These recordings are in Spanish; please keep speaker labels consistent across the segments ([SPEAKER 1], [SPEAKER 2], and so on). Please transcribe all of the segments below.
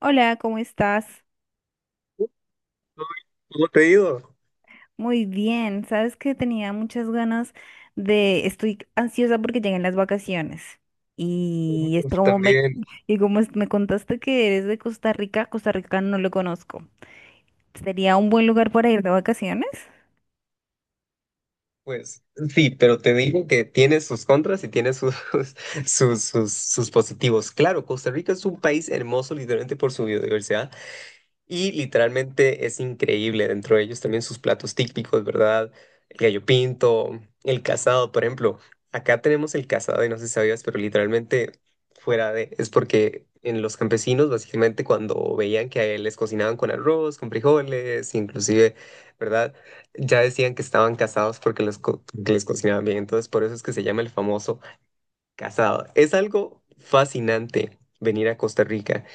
[SPEAKER 1] Hola, ¿cómo estás?
[SPEAKER 2] ¿Cómo cómo te ha ido?
[SPEAKER 1] Muy bien. Sabes que tenía muchas ganas estoy ansiosa porque llegan las vacaciones. Y es
[SPEAKER 2] Pues,
[SPEAKER 1] como me,
[SPEAKER 2] también,
[SPEAKER 1] y como es- Me contaste que eres de Costa Rica, Costa Rica no lo conozco. ¿Sería un buen lugar para ir de vacaciones?
[SPEAKER 2] pues sí, pero te digo que tiene sus contras y tiene sus, sus positivos. Claro, Costa Rica es un país hermoso literalmente por su biodiversidad. Y literalmente es increíble, dentro de ellos también sus platos típicos, ¿verdad? El gallo pinto, el casado, por ejemplo. Acá tenemos el casado y no sé si sabías, pero literalmente es porque en los campesinos básicamente cuando veían que a él les cocinaban con arroz, con frijoles, inclusive, ¿verdad? Ya decían que estaban casados porque que les cocinaban bien. Entonces por eso es que se llama el famoso casado. Es algo fascinante venir a Costa Rica.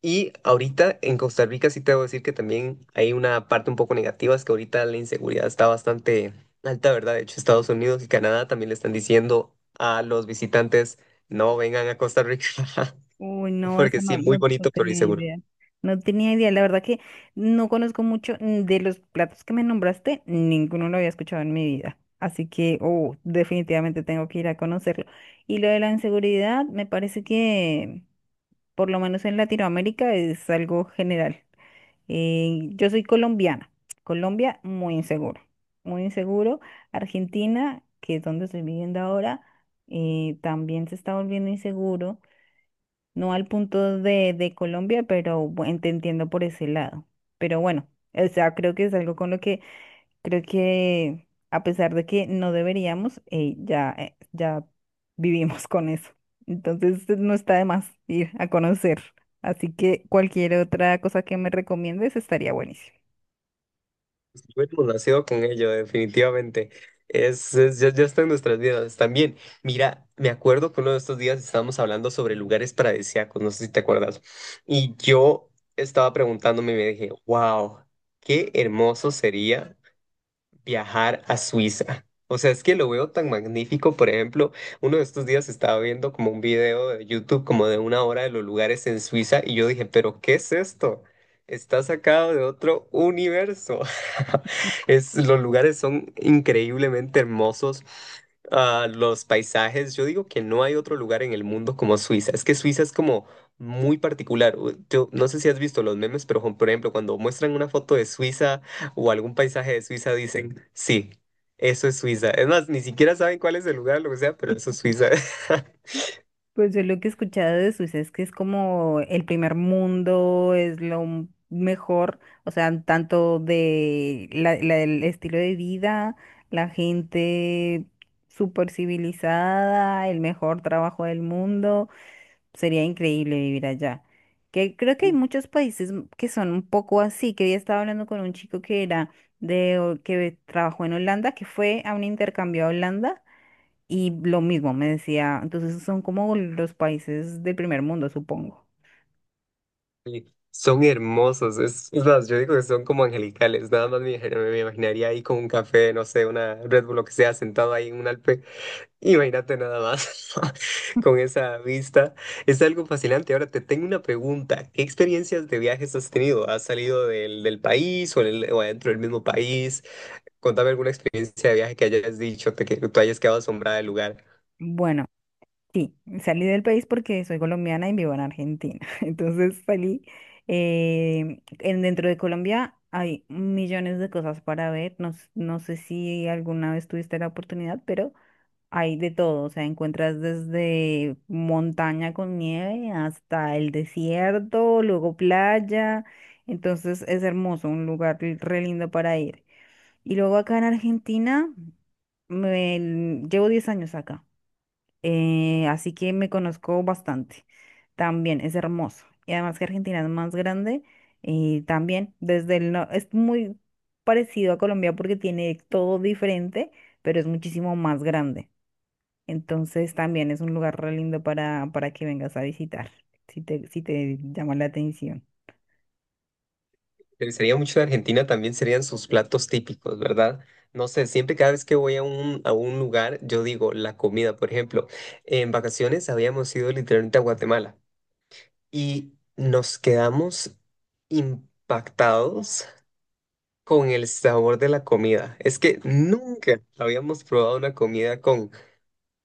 [SPEAKER 2] Y ahorita en Costa Rica sí te debo decir que también hay una parte un poco negativa, es que ahorita la inseguridad está bastante alta, ¿verdad? De hecho, Estados Unidos y Canadá también le están diciendo a los visitantes: no vengan a Costa Rica,
[SPEAKER 1] Uy, no,
[SPEAKER 2] porque
[SPEAKER 1] eso no,
[SPEAKER 2] sí, muy
[SPEAKER 1] no, no
[SPEAKER 2] bonito, pero
[SPEAKER 1] tenía
[SPEAKER 2] inseguro.
[SPEAKER 1] idea. No tenía idea. La verdad que no conozco mucho de los platos que me nombraste, ninguno lo había escuchado en mi vida. Así que, oh, definitivamente tengo que ir a conocerlo. Y lo de la inseguridad, me parece que, por lo menos en Latinoamérica, es algo general. Yo soy colombiana. Colombia, muy inseguro. Muy inseguro. Argentina, que es donde estoy viviendo ahora, también se está volviendo inseguro no al punto de Colombia, pero bueno, te entiendo por ese lado. Pero bueno, o sea, creo que es algo con lo que creo que a pesar de que no deberíamos, ya vivimos con eso. Entonces no está de más ir a conocer. Así que cualquier otra cosa que me recomiendes estaría buenísimo.
[SPEAKER 2] Hemos nacido con ello, definitivamente. Ya está en nuestras vidas también. Mira, me acuerdo que uno de estos días estábamos hablando sobre lugares paradisíacos, no sé si te acuerdas. Y yo estaba preguntándome y me dije, wow, qué hermoso sería viajar a Suiza. O sea, es que lo veo tan magnífico. Por ejemplo, uno de estos días estaba viendo como un video de YouTube como de una hora de los lugares en Suiza y yo dije, pero ¿qué es esto? Está sacado de otro universo. Los lugares son increíblemente hermosos. Ah, los paisajes. Yo digo que no hay otro lugar en el mundo como Suiza. Es que Suiza es como muy particular. Yo no sé si has visto los memes, pero por ejemplo, cuando muestran una foto de Suiza o algún paisaje de Suiza, dicen, sí, eso es Suiza. Es más, ni siquiera saben cuál es el lugar, lo que sea, pero eso es Suiza.
[SPEAKER 1] Pues yo lo que he escuchado de Suiza es que es como el primer mundo, es mejor, o sea, tanto de el estilo de vida, la gente súper civilizada, el mejor trabajo del mundo, sería increíble vivir allá. Que creo que hay muchos que son un poco así, que había estado hablando con un chico que era que trabajó en Holanda, que fue a un intercambio a Holanda y lo mismo me decía, entonces son como los países del primer mundo, supongo.
[SPEAKER 2] Y son hermosos. Es más, yo digo que son como angelicales, nada más me imaginaría ahí con un café, no sé, una Red Bull, lo que sea, sentado ahí en un Alpe. Imagínate nada más con esa vista, es algo fascinante. Ahora te tengo una pregunta. ¿Qué experiencias de viajes has tenido? ¿Has salido del país o o adentro del mismo país? Contame alguna experiencia de viaje que hayas dicho, te que tú hayas quedado asombrada del lugar.
[SPEAKER 1] Bueno, sí, salí del país porque soy colombiana y vivo en Argentina. Entonces salí, dentro de Colombia hay millones de cosas para ver. No sé si alguna vez tuviste la oportunidad, pero hay de todo. O sea, encuentras desde montaña con nieve hasta el desierto, luego playa. Entonces es hermoso, un lugar re lindo para ir. Y luego acá en Argentina, llevo 10 años acá, así que me conozco bastante. También es hermoso. Y además que Argentina es más grande y también desde el no, es muy parecido a Colombia porque tiene todo diferente, pero es muchísimo más grande. Entonces también es un lugar re lindo para que vengas a visitar, si te llama la atención.
[SPEAKER 2] Me gustaría mucho de Argentina también serían sus platos típicos, ¿verdad? No sé, siempre cada vez que voy a un lugar, yo digo la comida. Por ejemplo, en vacaciones habíamos ido literalmente a Guatemala y nos quedamos impactados con el sabor de la comida. Es que nunca habíamos probado una comida con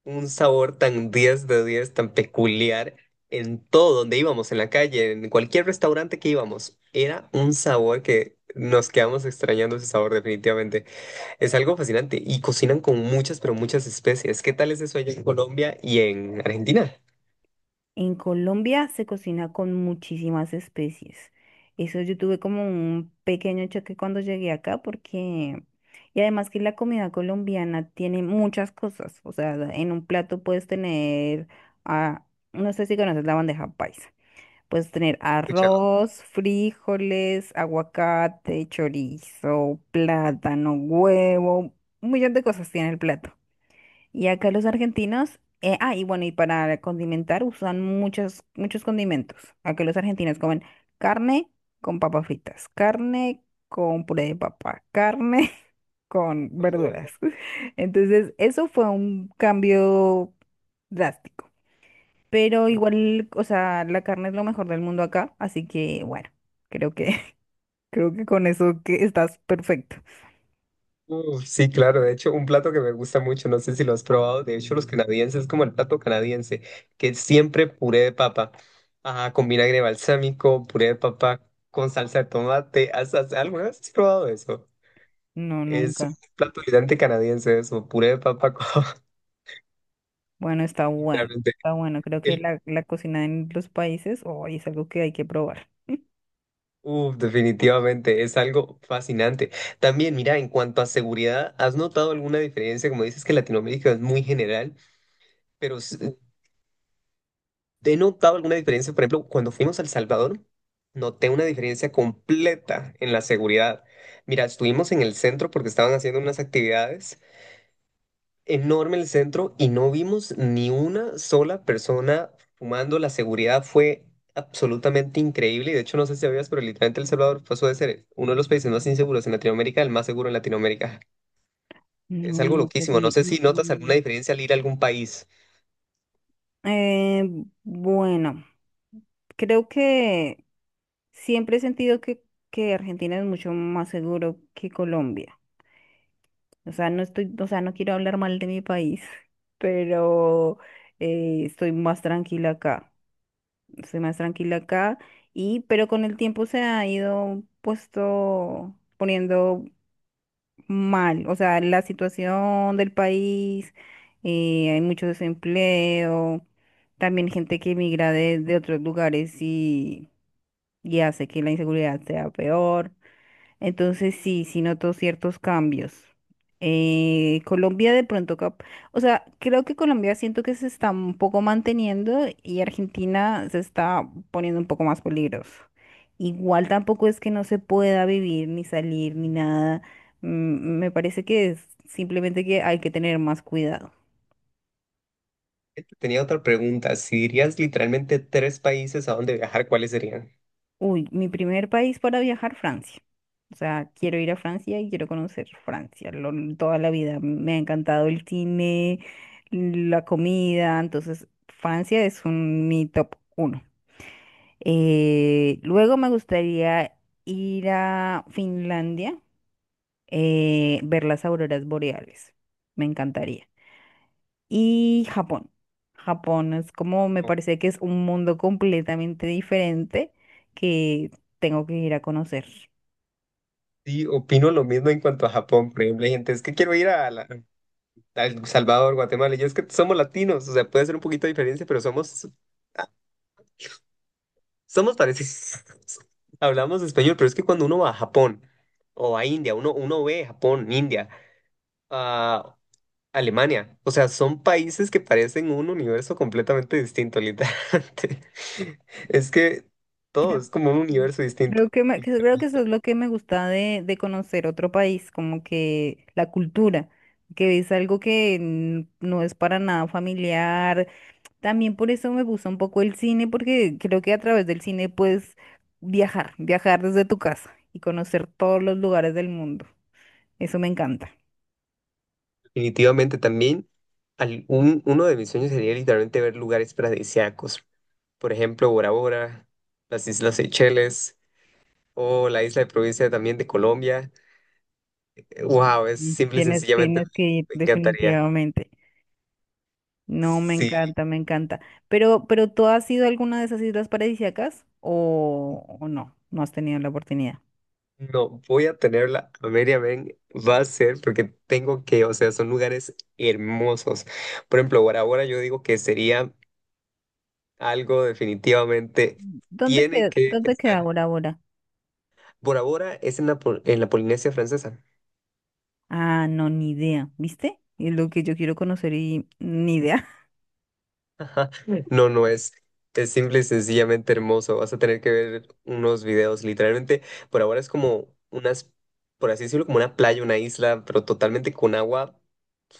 [SPEAKER 2] un sabor tan 10 de 10, tan peculiar, en todo donde íbamos, en la calle, en cualquier restaurante que íbamos. Era un sabor que nos quedamos extrañando ese sabor definitivamente. Es algo fascinante y cocinan con muchas, pero muchas especies. ¿Qué tal es eso allá en Colombia y en Argentina?
[SPEAKER 1] En Colombia se cocina con muchísimas especies. Eso yo tuve como un pequeño choque cuando llegué acá porque... Y además que la comida colombiana tiene muchas cosas. O sea, en un plato puedes tener... ah, no sé si conoces la bandeja paisa. Puedes tener arroz, frijoles, aguacate, chorizo, plátano, huevo. Un millón de cosas tiene el plato. Y acá los argentinos, y bueno, y para condimentar usan muchos condimentos. Acá los argentinos comen carne con papas fritas, carne con puré de papa, carne con verduras. Entonces, eso fue un cambio drástico. Pero igual, o sea, la carne es lo mejor del mundo acá, así que bueno, creo que, creo que con eso que estás perfecto.
[SPEAKER 2] Sí, claro. De hecho, un plato que me gusta mucho, no sé si lo has probado. De hecho, los canadienses, es como el plato canadiense, que es siempre puré de papa, ah, con vinagre balsámico, puré de papa con salsa de tomate. ¿Alguna vez has probado eso?
[SPEAKER 1] No,
[SPEAKER 2] Es un
[SPEAKER 1] nunca.
[SPEAKER 2] plato gigante canadiense, eso, puré de papa con,
[SPEAKER 1] Bueno, está bueno,
[SPEAKER 2] literalmente,
[SPEAKER 1] está bueno. Creo que
[SPEAKER 2] el,
[SPEAKER 1] la cocina en los países hoy es algo que hay que probar.
[SPEAKER 2] definitivamente, es algo fascinante. También, mira, en cuanto a seguridad, ¿has notado alguna diferencia? Como dices que Latinoamérica es muy general. Pero s- ¿Te he notado alguna diferencia? Por ejemplo, cuando fuimos a El Salvador, noté una diferencia completa en la seguridad. Mira, estuvimos en el centro porque estaban haciendo unas actividades enorme el centro y no vimos ni una sola persona fumando. La seguridad fue absolutamente increíble, y de hecho no sé si sabías, pero literalmente El Salvador pasó de ser uno de los países más inseguros en Latinoamérica al más seguro en Latinoamérica. Es algo loquísimo. No sé
[SPEAKER 1] No
[SPEAKER 2] si notas alguna
[SPEAKER 1] tenía
[SPEAKER 2] diferencia al ir a algún país.
[SPEAKER 1] idea. Bueno, creo que siempre he sentido que Argentina es mucho más seguro que Colombia. O sea, no estoy, o sea, no quiero hablar mal de mi país, pero estoy más tranquila acá. Estoy más tranquila acá y, pero con el tiempo se ha ido poniendo mal, o sea, la situación del país, hay mucho desempleo, también gente que emigra de otros lugares y hace que la inseguridad sea peor. Entonces sí, sí noto ciertos cambios. Colombia de pronto, o sea, creo que Colombia siento que se está un poco manteniendo y Argentina se está poniendo un poco más peligroso. Igual tampoco es que no se pueda vivir ni salir ni nada. Me parece que es simplemente que hay que tener más cuidado.
[SPEAKER 2] Tenía otra pregunta. Si dirías literalmente tres países a donde viajar, ¿cuáles serían?
[SPEAKER 1] Uy, mi primer país para viajar, Francia. O sea, quiero ir a Francia y quiero conocer toda la vida. Me ha encantado el cine, la comida, entonces Francia es mi top uno. Luego me gustaría ir a Finlandia, ver las auroras boreales. Me encantaría. Y Japón. Japón es como, me
[SPEAKER 2] O-
[SPEAKER 1] parece que es un mundo completamente diferente que tengo que ir a conocer.
[SPEAKER 2] Sí, opino lo mismo en cuanto a Japón. Por ejemplo, hay gente, es que quiero ir a, a El Salvador, Guatemala. Y yo es que somos latinos, o sea, puede ser un poquito de diferencia, pero somos parecidos. Hablamos español, pero es que cuando uno va a Japón o a India, uno ve Japón, India, a Alemania, o sea, son países que parecen un universo completamente distinto, literalmente. Es que todo
[SPEAKER 1] Creo
[SPEAKER 2] es como un universo distinto.
[SPEAKER 1] creo que, creo que eso es lo que me gusta de conocer otro país, como que la cultura, que es algo que no es para nada familiar. También por eso me gusta un poco el cine, porque creo que a través del cine puedes viajar desde tu casa y conocer todos los lugares del mundo. Eso me encanta.
[SPEAKER 2] Definitivamente también uno de mis sueños sería literalmente ver lugares paradisíacos, por ejemplo Bora Bora, las Islas Seychelles o la isla de Provincia también de Colombia. Wow, es
[SPEAKER 1] Y
[SPEAKER 2] simple y sencillamente
[SPEAKER 1] tienes que ir
[SPEAKER 2] me encantaría.
[SPEAKER 1] definitivamente. No, me
[SPEAKER 2] Sí,
[SPEAKER 1] encanta, me encanta. Pero ¿tú has ido a alguna de esas islas paradisíacas o no? No has tenido la oportunidad.
[SPEAKER 2] no voy a tenerla, a media ven, va a ser porque tengo que, o sea, son lugares hermosos. Por ejemplo, Bora Bora yo digo que sería algo definitivamente tiene que
[SPEAKER 1] Dónde queda
[SPEAKER 2] estar.
[SPEAKER 1] Bora Bora?
[SPEAKER 2] Bora Bora es en la Polinesia Francesa.
[SPEAKER 1] Ah, no, ni idea, ¿viste? Es lo que yo quiero conocer y ni idea.
[SPEAKER 2] No, no es. Es simple y sencillamente hermoso. Vas a tener que ver unos videos. Literalmente, por ahora es como unas, por así decirlo, como una playa, una isla, pero totalmente con agua,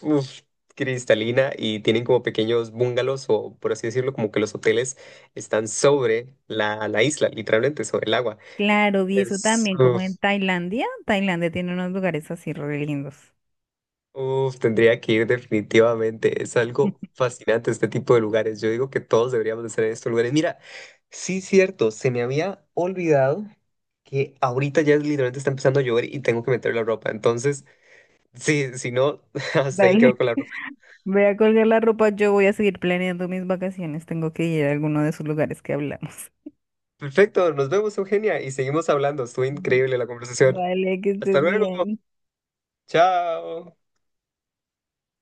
[SPEAKER 2] uf, cristalina, y tienen como pequeños bungalows o, por así decirlo, como que los hoteles están sobre la isla, literalmente sobre el agua.
[SPEAKER 1] Claro, vi eso también, como
[SPEAKER 2] Uf,
[SPEAKER 1] en Tailandia. Tailandia tiene unos lugares así re lindos.
[SPEAKER 2] uf, tendría que ir definitivamente. Es algo fascinante este tipo de lugares. Yo digo que todos deberíamos de estar en estos lugares. Mira, sí, cierto, se me había olvidado que ahorita ya literalmente está empezando a llover y tengo que meter la ropa. Entonces, sí, si no, hasta ahí
[SPEAKER 1] Dale,
[SPEAKER 2] quedo con la ropa.
[SPEAKER 1] voy a colgar la ropa, yo voy a seguir planeando mis vacaciones. Tengo que ir a alguno de esos lugares que hablamos.
[SPEAKER 2] Perfecto, nos vemos, Eugenia, y seguimos hablando. Estuvo increíble la conversación.
[SPEAKER 1] Vale, que
[SPEAKER 2] Hasta
[SPEAKER 1] estés
[SPEAKER 2] luego.
[SPEAKER 1] bien.
[SPEAKER 2] Chao.